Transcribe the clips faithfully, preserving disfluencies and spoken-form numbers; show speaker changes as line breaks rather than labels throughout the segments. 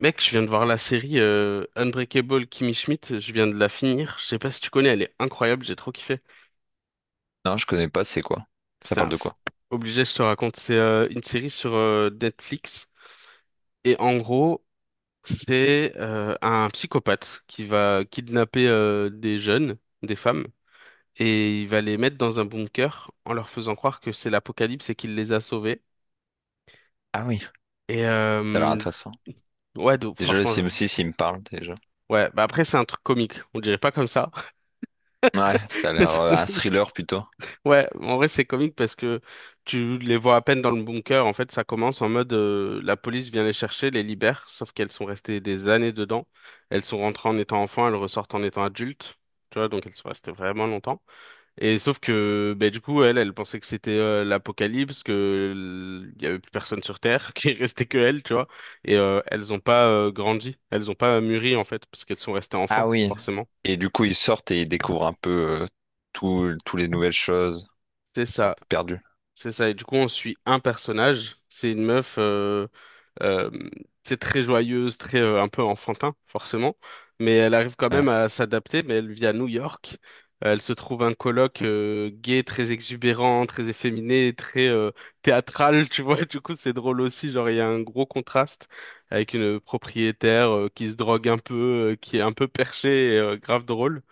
Mec, je viens de voir la série euh, Unbreakable Kimmy Schmidt, je viens de la finir. Je sais pas si tu connais, elle est incroyable, j'ai trop kiffé.
Non, je connais pas, c'est quoi? Ça parle
Putain,
de
faut-
quoi?
obligé, je te raconte. C'est euh, une série sur euh, Netflix. Et en gros, c'est euh, un psychopathe qui va kidnapper euh, des jeunes, des femmes, et il va les mettre dans un bunker en leur faisant croire que c'est l'apocalypse et qu'il les a sauvés.
Ah oui, ça
Et
a l'air
euh,
intéressant.
ouais, donc,
Déjà, le
franchement, je-
Sims six, il me parle, déjà.
ouais, bah après, c'est un truc comique, on dirait pas comme ça.
Ouais, ça a l'air euh, un thriller plutôt.
Ouais, en vrai c'est comique parce que tu les vois à peine dans le bunker. En fait, ça commence en mode euh, la police vient les chercher, les libère, sauf qu'elles sont restées des années dedans. Elles sont rentrées en étant enfants, elles ressortent en étant adultes. Tu vois, donc elles sont restées vraiment longtemps. Et sauf que ben du coup, elle, elle pensait que c'était euh, l'apocalypse, que l- il y avait plus personne sur Terre, qu'il restait que elle, tu vois. Et euh, elles ont pas euh, grandi, elles ont pas euh, mûri en fait, parce qu'elles sont restées
Ah
enfants,
oui.
forcément.
Et du coup, ils sortent et ils découvrent un peu euh, tout, tous les nouvelles choses.
C'est
Ils sont un
ça.
peu perdus.
C'est ça, et du coup on suit un personnage, c'est une meuf, euh, euh, c'est très joyeuse, très euh, un peu enfantin forcément, mais elle arrive quand
Ouais,
même à s'adapter, mais elle vit à New York, elle se trouve un coloc euh, gay, très exubérant, très efféminé, très euh, théâtral, tu vois, du coup c'est drôle aussi, genre il y a un gros contraste avec une propriétaire euh, qui se drogue un peu, euh, qui est un peu perchée et euh, grave drôle.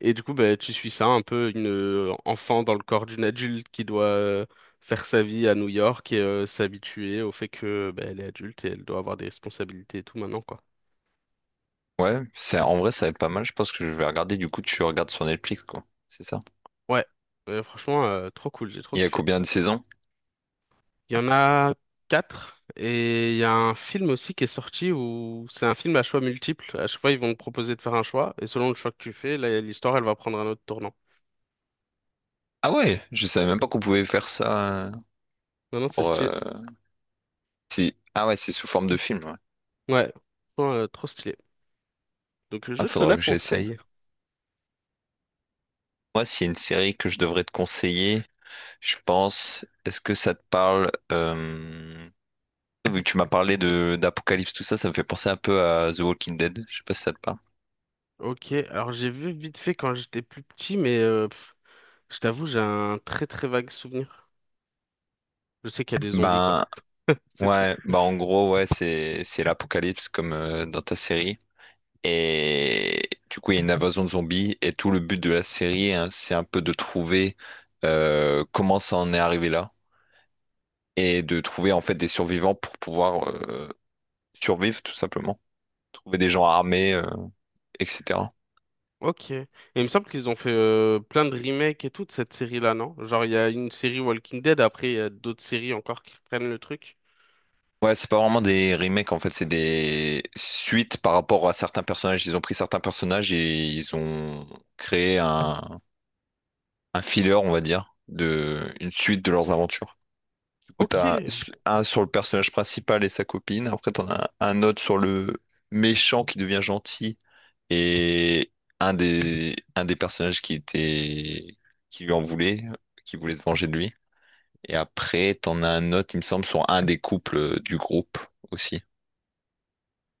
Et du coup, bah, tu suis ça, un peu une euh, enfant dans le corps d'une adulte qui doit euh, faire sa vie à New York et euh, s'habituer au fait que bah, elle est adulte et elle doit avoir des responsabilités et tout maintenant, quoi.
ouais, c'est, en vrai, ça va être pas mal. Je pense que je vais regarder. Du coup, tu regardes sur Netflix, quoi. C'est ça.
Ouais. Euh, franchement, euh, trop cool, j'ai trop
Il y a
kiffé.
combien de saisons?
Il y en a quatre et il y a un film aussi qui est sorti où c'est un film à choix multiples. À chaque fois, ils vont te proposer de faire un choix et selon le choix que tu fais, là, l'histoire, elle va prendre un autre tournant.
Ah ouais, je savais même pas qu'on pouvait faire ça euh,
Non, non, c'est
pour,
stylé.
euh, si... Ah ouais, c'est sous forme de film, ouais.
Ouais. Franchement, euh, trop stylé. Donc,
Ah,
je te
faudra
la
que j'essaye.
conseille.
Moi, s'il y a une série que je devrais te conseiller, je pense, est-ce que ça te parle euh, vu que tu m'as parlé de d'Apocalypse, tout ça, ça me fait penser un peu à The Walking Dead. Je sais pas si ça te parle.
Ok, alors j'ai vu vite fait quand j'étais plus petit, mais euh, pff, je t'avoue, j'ai un très très vague souvenir. Je sais qu'il y a des zombies, quoi.
Ben
C'est tout.
ouais, bah en gros ouais, c'est c'est l'Apocalypse comme euh, dans ta série. Et du coup, il y a une invasion de zombies et tout le but de la série, hein, c'est un peu de trouver euh, comment ça en est arrivé là et de trouver en fait des survivants pour pouvoir euh, survivre tout simplement, trouver des gens armés, euh, et cetera.
Ok. Et il me semble qu'ils ont fait euh, plein de remakes et tout de cette série-là, non? Genre, il y a une série Walking Dead, après, il y a d'autres séries encore qui prennent le truc.
Ouais, c'est pas vraiment des remakes, en fait, c'est des suites par rapport à certains personnages. Ils ont pris certains personnages et ils ont créé un, un filler, on va dire, de une suite de leurs aventures. Du coup,
Ok,
t'as un sur le personnage principal et sa copine. Après, t'en as un autre sur le méchant qui devient gentil et un des, un des personnages qui était, qui lui en voulait, qui voulait se venger de lui. Et après, t'en as un autre, il me semble, sur un des couples euh, du groupe aussi.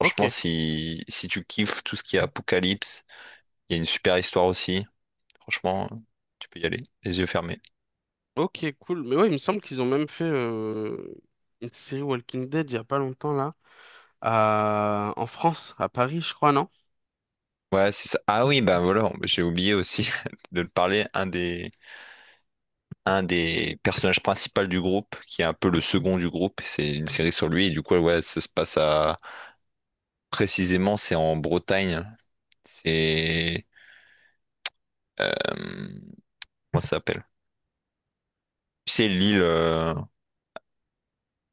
ok,
si, si tu kiffes tout ce qui est apocalypse, il y a une super histoire aussi. Franchement, tu peux y aller, les yeux fermés.
ok, cool. Mais ouais, il me semble qu'ils ont même fait euh, une série Walking Dead il y a pas longtemps là, à- en France, à Paris, je crois, non?
Ouais, c'est ça. Ah oui, ben voilà, j'ai oublié aussi de te parler. Un des, un des personnages principaux du groupe, qui est un peu le second du groupe, c'est une série sur lui. Et du coup, ouais, ça se passe à. Précisément, c'est en Bretagne. C'est. euh, comment ça s'appelle? C'est l'île euh,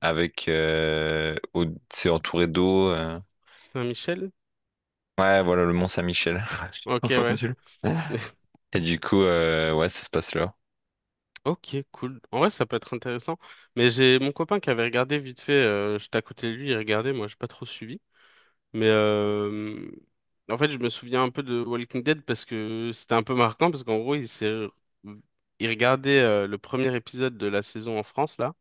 avec. euh, au- C'est entouré d'eau. euh,
Saint-Michel?
Ouais, voilà le Mont Saint-Michel. J'ai
Ok, ouais.
confondu le- Et du coup, euh, ouais, ça se passe là.
Ok, cool. En vrai, ça peut être intéressant. Mais j'ai mon copain qui avait regardé vite fait, euh, j'étais à côté de lui, il regardait, moi j'ai pas trop suivi. Mais euh, en fait, je me souviens un peu de Walking Dead parce que c'était un peu marquant, parce qu'en gros, il s'est... il regardait euh, le premier épisode de la saison en France, là.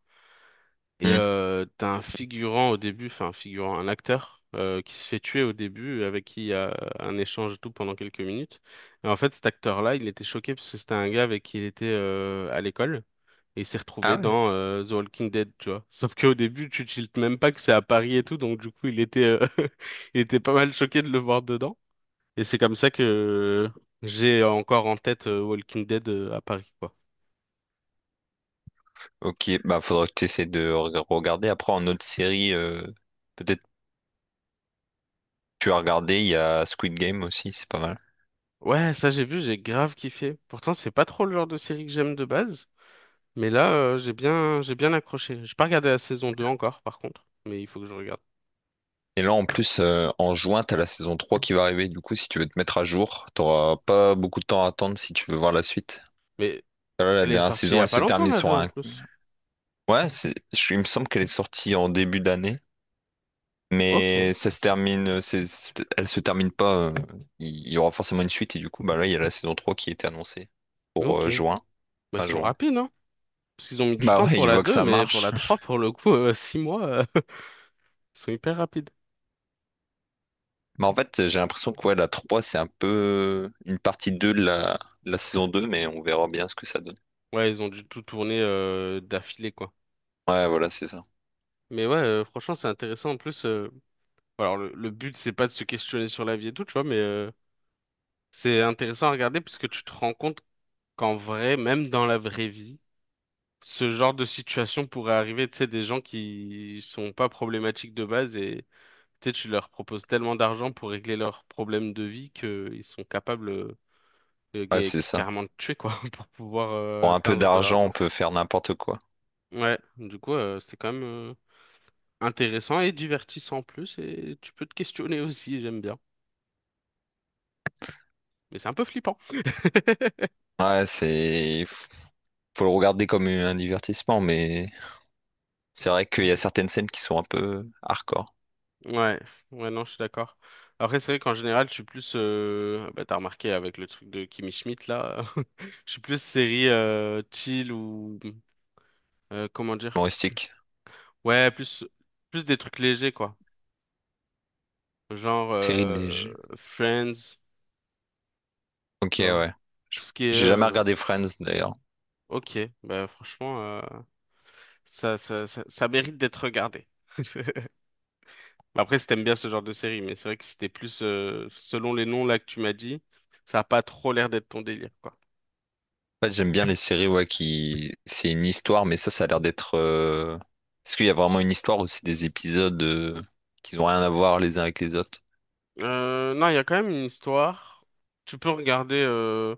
Et
Hmm.
euh, t'as un figurant au début, enfin un figurant, un acteur euh, qui se fait tuer au début, avec qui il y a un échange et tout pendant quelques minutes. Et en fait, cet acteur-là, il était choqué parce que c'était un gars avec qui il était euh, à l'école. Et il s'est retrouvé
Ah ouais?
dans euh, The Walking Dead, tu vois. Sauf qu'au début, tu tiltes même pas que c'est à Paris et tout, donc du coup, il était, euh, il était pas mal choqué de le voir dedans. Et c'est comme ça que j'ai encore en tête euh, Walking Dead euh, à Paris, quoi.
Ok, bah faudra que tu essaies de reg- regarder. Après, en autre série, euh, peut-être tu as regardé, il y a Squid Game aussi, c'est pas mal.
Ouais, ça j'ai vu, j'ai grave kiffé. Pourtant, c'est pas trop le genre de série que j'aime de base. Mais là, euh, j'ai bien, j'ai bien accroché. J'ai pas regardé la saison deux encore, par contre. Mais il faut que je regarde.
Et là, en plus, euh, en juin, t'as la saison trois qui va arriver. Du coup, si tu veux te mettre à jour, t'auras pas beaucoup de temps à attendre si tu veux voir la suite.
Mais
Là, la
elle est
dernière
sortie il y
saison,
a
elle
pas
se
longtemps,
termine
la deux
sur
en
un...
plus.
Ouais, c'est... je- il me semble qu'elle est sortie en début d'année.
Ok,
Mais ça se termine... c'est- elle se termine pas. euh, Il y aura forcément une suite. Et du coup, bah là, il y a la saison trois qui était annoncée pour
ok.
euh, juin.
Bah, ils
Fin
sont
juin.
rapides, hein? Parce qu'ils ont mis du
Bah
temps
ouais,
pour
ils
la
voient que
deux
ça
mais pour
marche.
la trois pour le coup, euh, six mois, euh, ils sont hyper rapides.
Mais en fait, j'ai l'impression que ouais, la trois, c'est un peu une partie deux de la, la saison deux, mais on verra bien ce que ça donne.
Ouais, ils ont dû tout tourner euh, d'affilée, quoi.
Ouais, voilà, c'est ça.
Mais ouais, euh, franchement, c'est intéressant. En plus, euh, alors le, le but, c'est pas de se questionner sur la vie et tout, tu vois, mais euh, c'est intéressant à regarder parce que tu te rends compte qu'en vrai, même dans la vraie vie, ce genre de situation pourrait arriver, tu sais, des gens qui sont pas problématiques de base et tu sais, tu leur proposes tellement d'argent pour régler leurs problèmes de vie qu'ils sont capables euh, de
Ouais,
gagner-
c'est ça.
carrément de tuer, quoi, pour pouvoir euh,
Pour un peu
atteindre de
d'argent, on
l'argent.
peut faire n'importe quoi.
Ouais, du coup, euh, c'est quand même euh, intéressant et divertissant en plus et tu peux te questionner aussi, j'aime bien. Mais c'est un peu flippant.
Ouais, c'est... Faut faut le regarder comme un divertissement, mais c'est vrai qu'il y a certaines scènes qui sont un peu hardcore,
Ouais, ouais, non, je suis d'accord. Après, c'est vrai qu'en général, je suis plus, euh, bah, t'as remarqué avec le truc de Kimi Schmidt là, je suis plus série euh, chill ou euh, comment dire,
humoristiques.
ouais, plus, plus des trucs légers quoi, genre
Série
euh,
léger.
Friends,
Ok,
tu vois,
ouais. Je-
tout ce qui est,
J'ai jamais
euh,
regardé Friends, d'ailleurs.
ok, bah franchement, euh, ça, ça, ça, ça mérite d'être regardé. Après, si t'aimes bien ce genre de série, mais c'est vrai que c'était plus, euh, selon les noms là que tu m'as dit, ça a pas trop l'air d'être ton délire quoi.
En fait, j'aime bien les séries, ouais, qui... C'est une histoire, mais ça, ça a l'air d'être... euh, Est-ce qu'il y a vraiment une histoire ou c'est des épisodes euh, qui n'ont rien à voir les uns avec les autres?
Euh, non, il y a quand même une histoire. Tu peux regarder euh,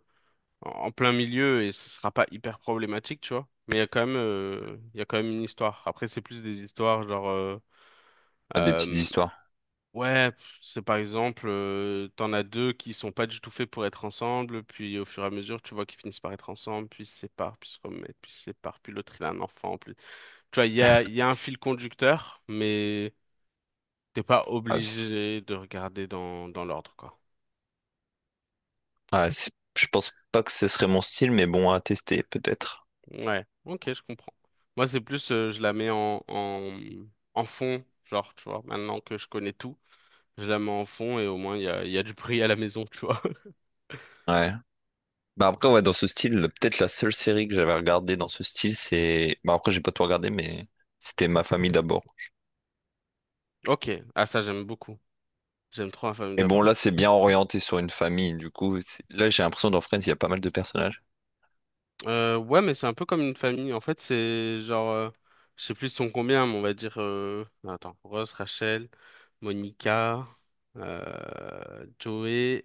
en en plein milieu et ce sera pas hyper problématique, tu vois. Mais il y a quand même, euh, il y a quand même une histoire. Après, c'est plus des histoires genre, euh,
Ouais, des petites
euh,
histoires.
ouais, pff, c'est par exemple, euh, t'en as deux qui sont pas du tout faits pour être ensemble, puis au fur et à mesure, tu vois qu'ils finissent par être ensemble, puis ils se séparent, puis se remettent, puis se séparent, puis l'autre il a un enfant, puis tu vois, il y a, il y a un fil conducteur, mais t'es pas
Ah, c-
obligé de regarder dans dans l'ordre, quoi.
Ouais, c'est- je pense pas que ce serait mon style, mais bon, à tester peut-être.
Ouais, ok, je comprends. Moi, c'est plus, euh, je la mets en, en, en fond, genre, tu vois, maintenant que je connais tout, je la mets en fond et au moins, il y a, il y a du bruit à la maison, tu vois.
Ouais. Bah après, ouais, dans ce style, peut-être la seule série que j'avais regardée dans ce style, c'est... Bah après, j'ai pas tout regardé, mais c'était Ma famille d'abord.
Ok, ah ça, j'aime beaucoup. J'aime trop la famille
Et bon, là,
d'abord.
c'est bien orienté sur une famille. Du coup, c'est- là, j'ai l'impression dans Friends, il y a pas mal de personnages.
Euh, ouais, mais c'est un peu comme une famille. En fait, c'est genre, euh, je sais plus ils sont combien, mais on va dire, euh, attends, Rose, Rachel, Monica, euh, Joey,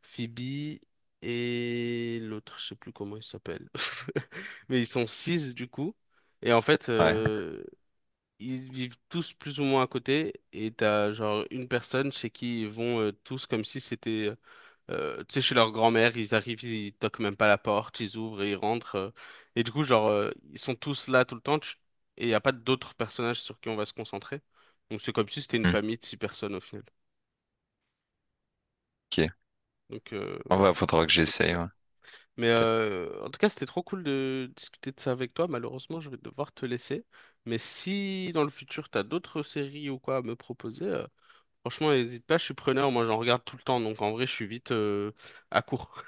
Phoebe et l'autre, je sais plus comment il s'appelle. Mais ils sont six du coup. Et en fait,
Ouais.
euh, ils vivent tous plus ou moins à côté. Et t'as genre une personne chez qui ils vont euh, tous comme si c'était, euh, tu sais, chez leur grand-mère. Ils arrivent, ils toquent même pas la porte, ils ouvrent et ils rentrent. euh. Et du coup, genre, euh, ils sont tous là tout le temps. tu- Et il n'y a pas d'autres personnages sur qui on va se concentrer. Donc c'est comme si c'était une
Hmm.
famille de six personnes au final.
Ok.
Donc euh,
En
voilà,
vrai, faudra que
je le
j'essaye. Ouais.
conseille. Mais
Peut-être.
euh, en tout cas, c'était trop cool de discuter de ça avec toi. Malheureusement, je vais devoir te laisser. Mais si dans le futur, t'as d'autres séries ou quoi à me proposer, euh, franchement, n'hésite pas, je suis preneur. Moi, j'en regarde tout le temps. Donc, en vrai, je suis vite euh, à court.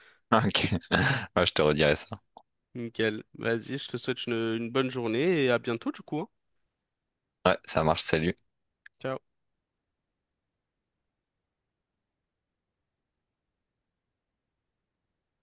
Ok. Ouais, je te redirai ça.
Nickel. Vas-y, je te souhaite une, une bonne journée et à bientôt, du coup, hein.
Ouais, ça marche. Salut.
Ciao.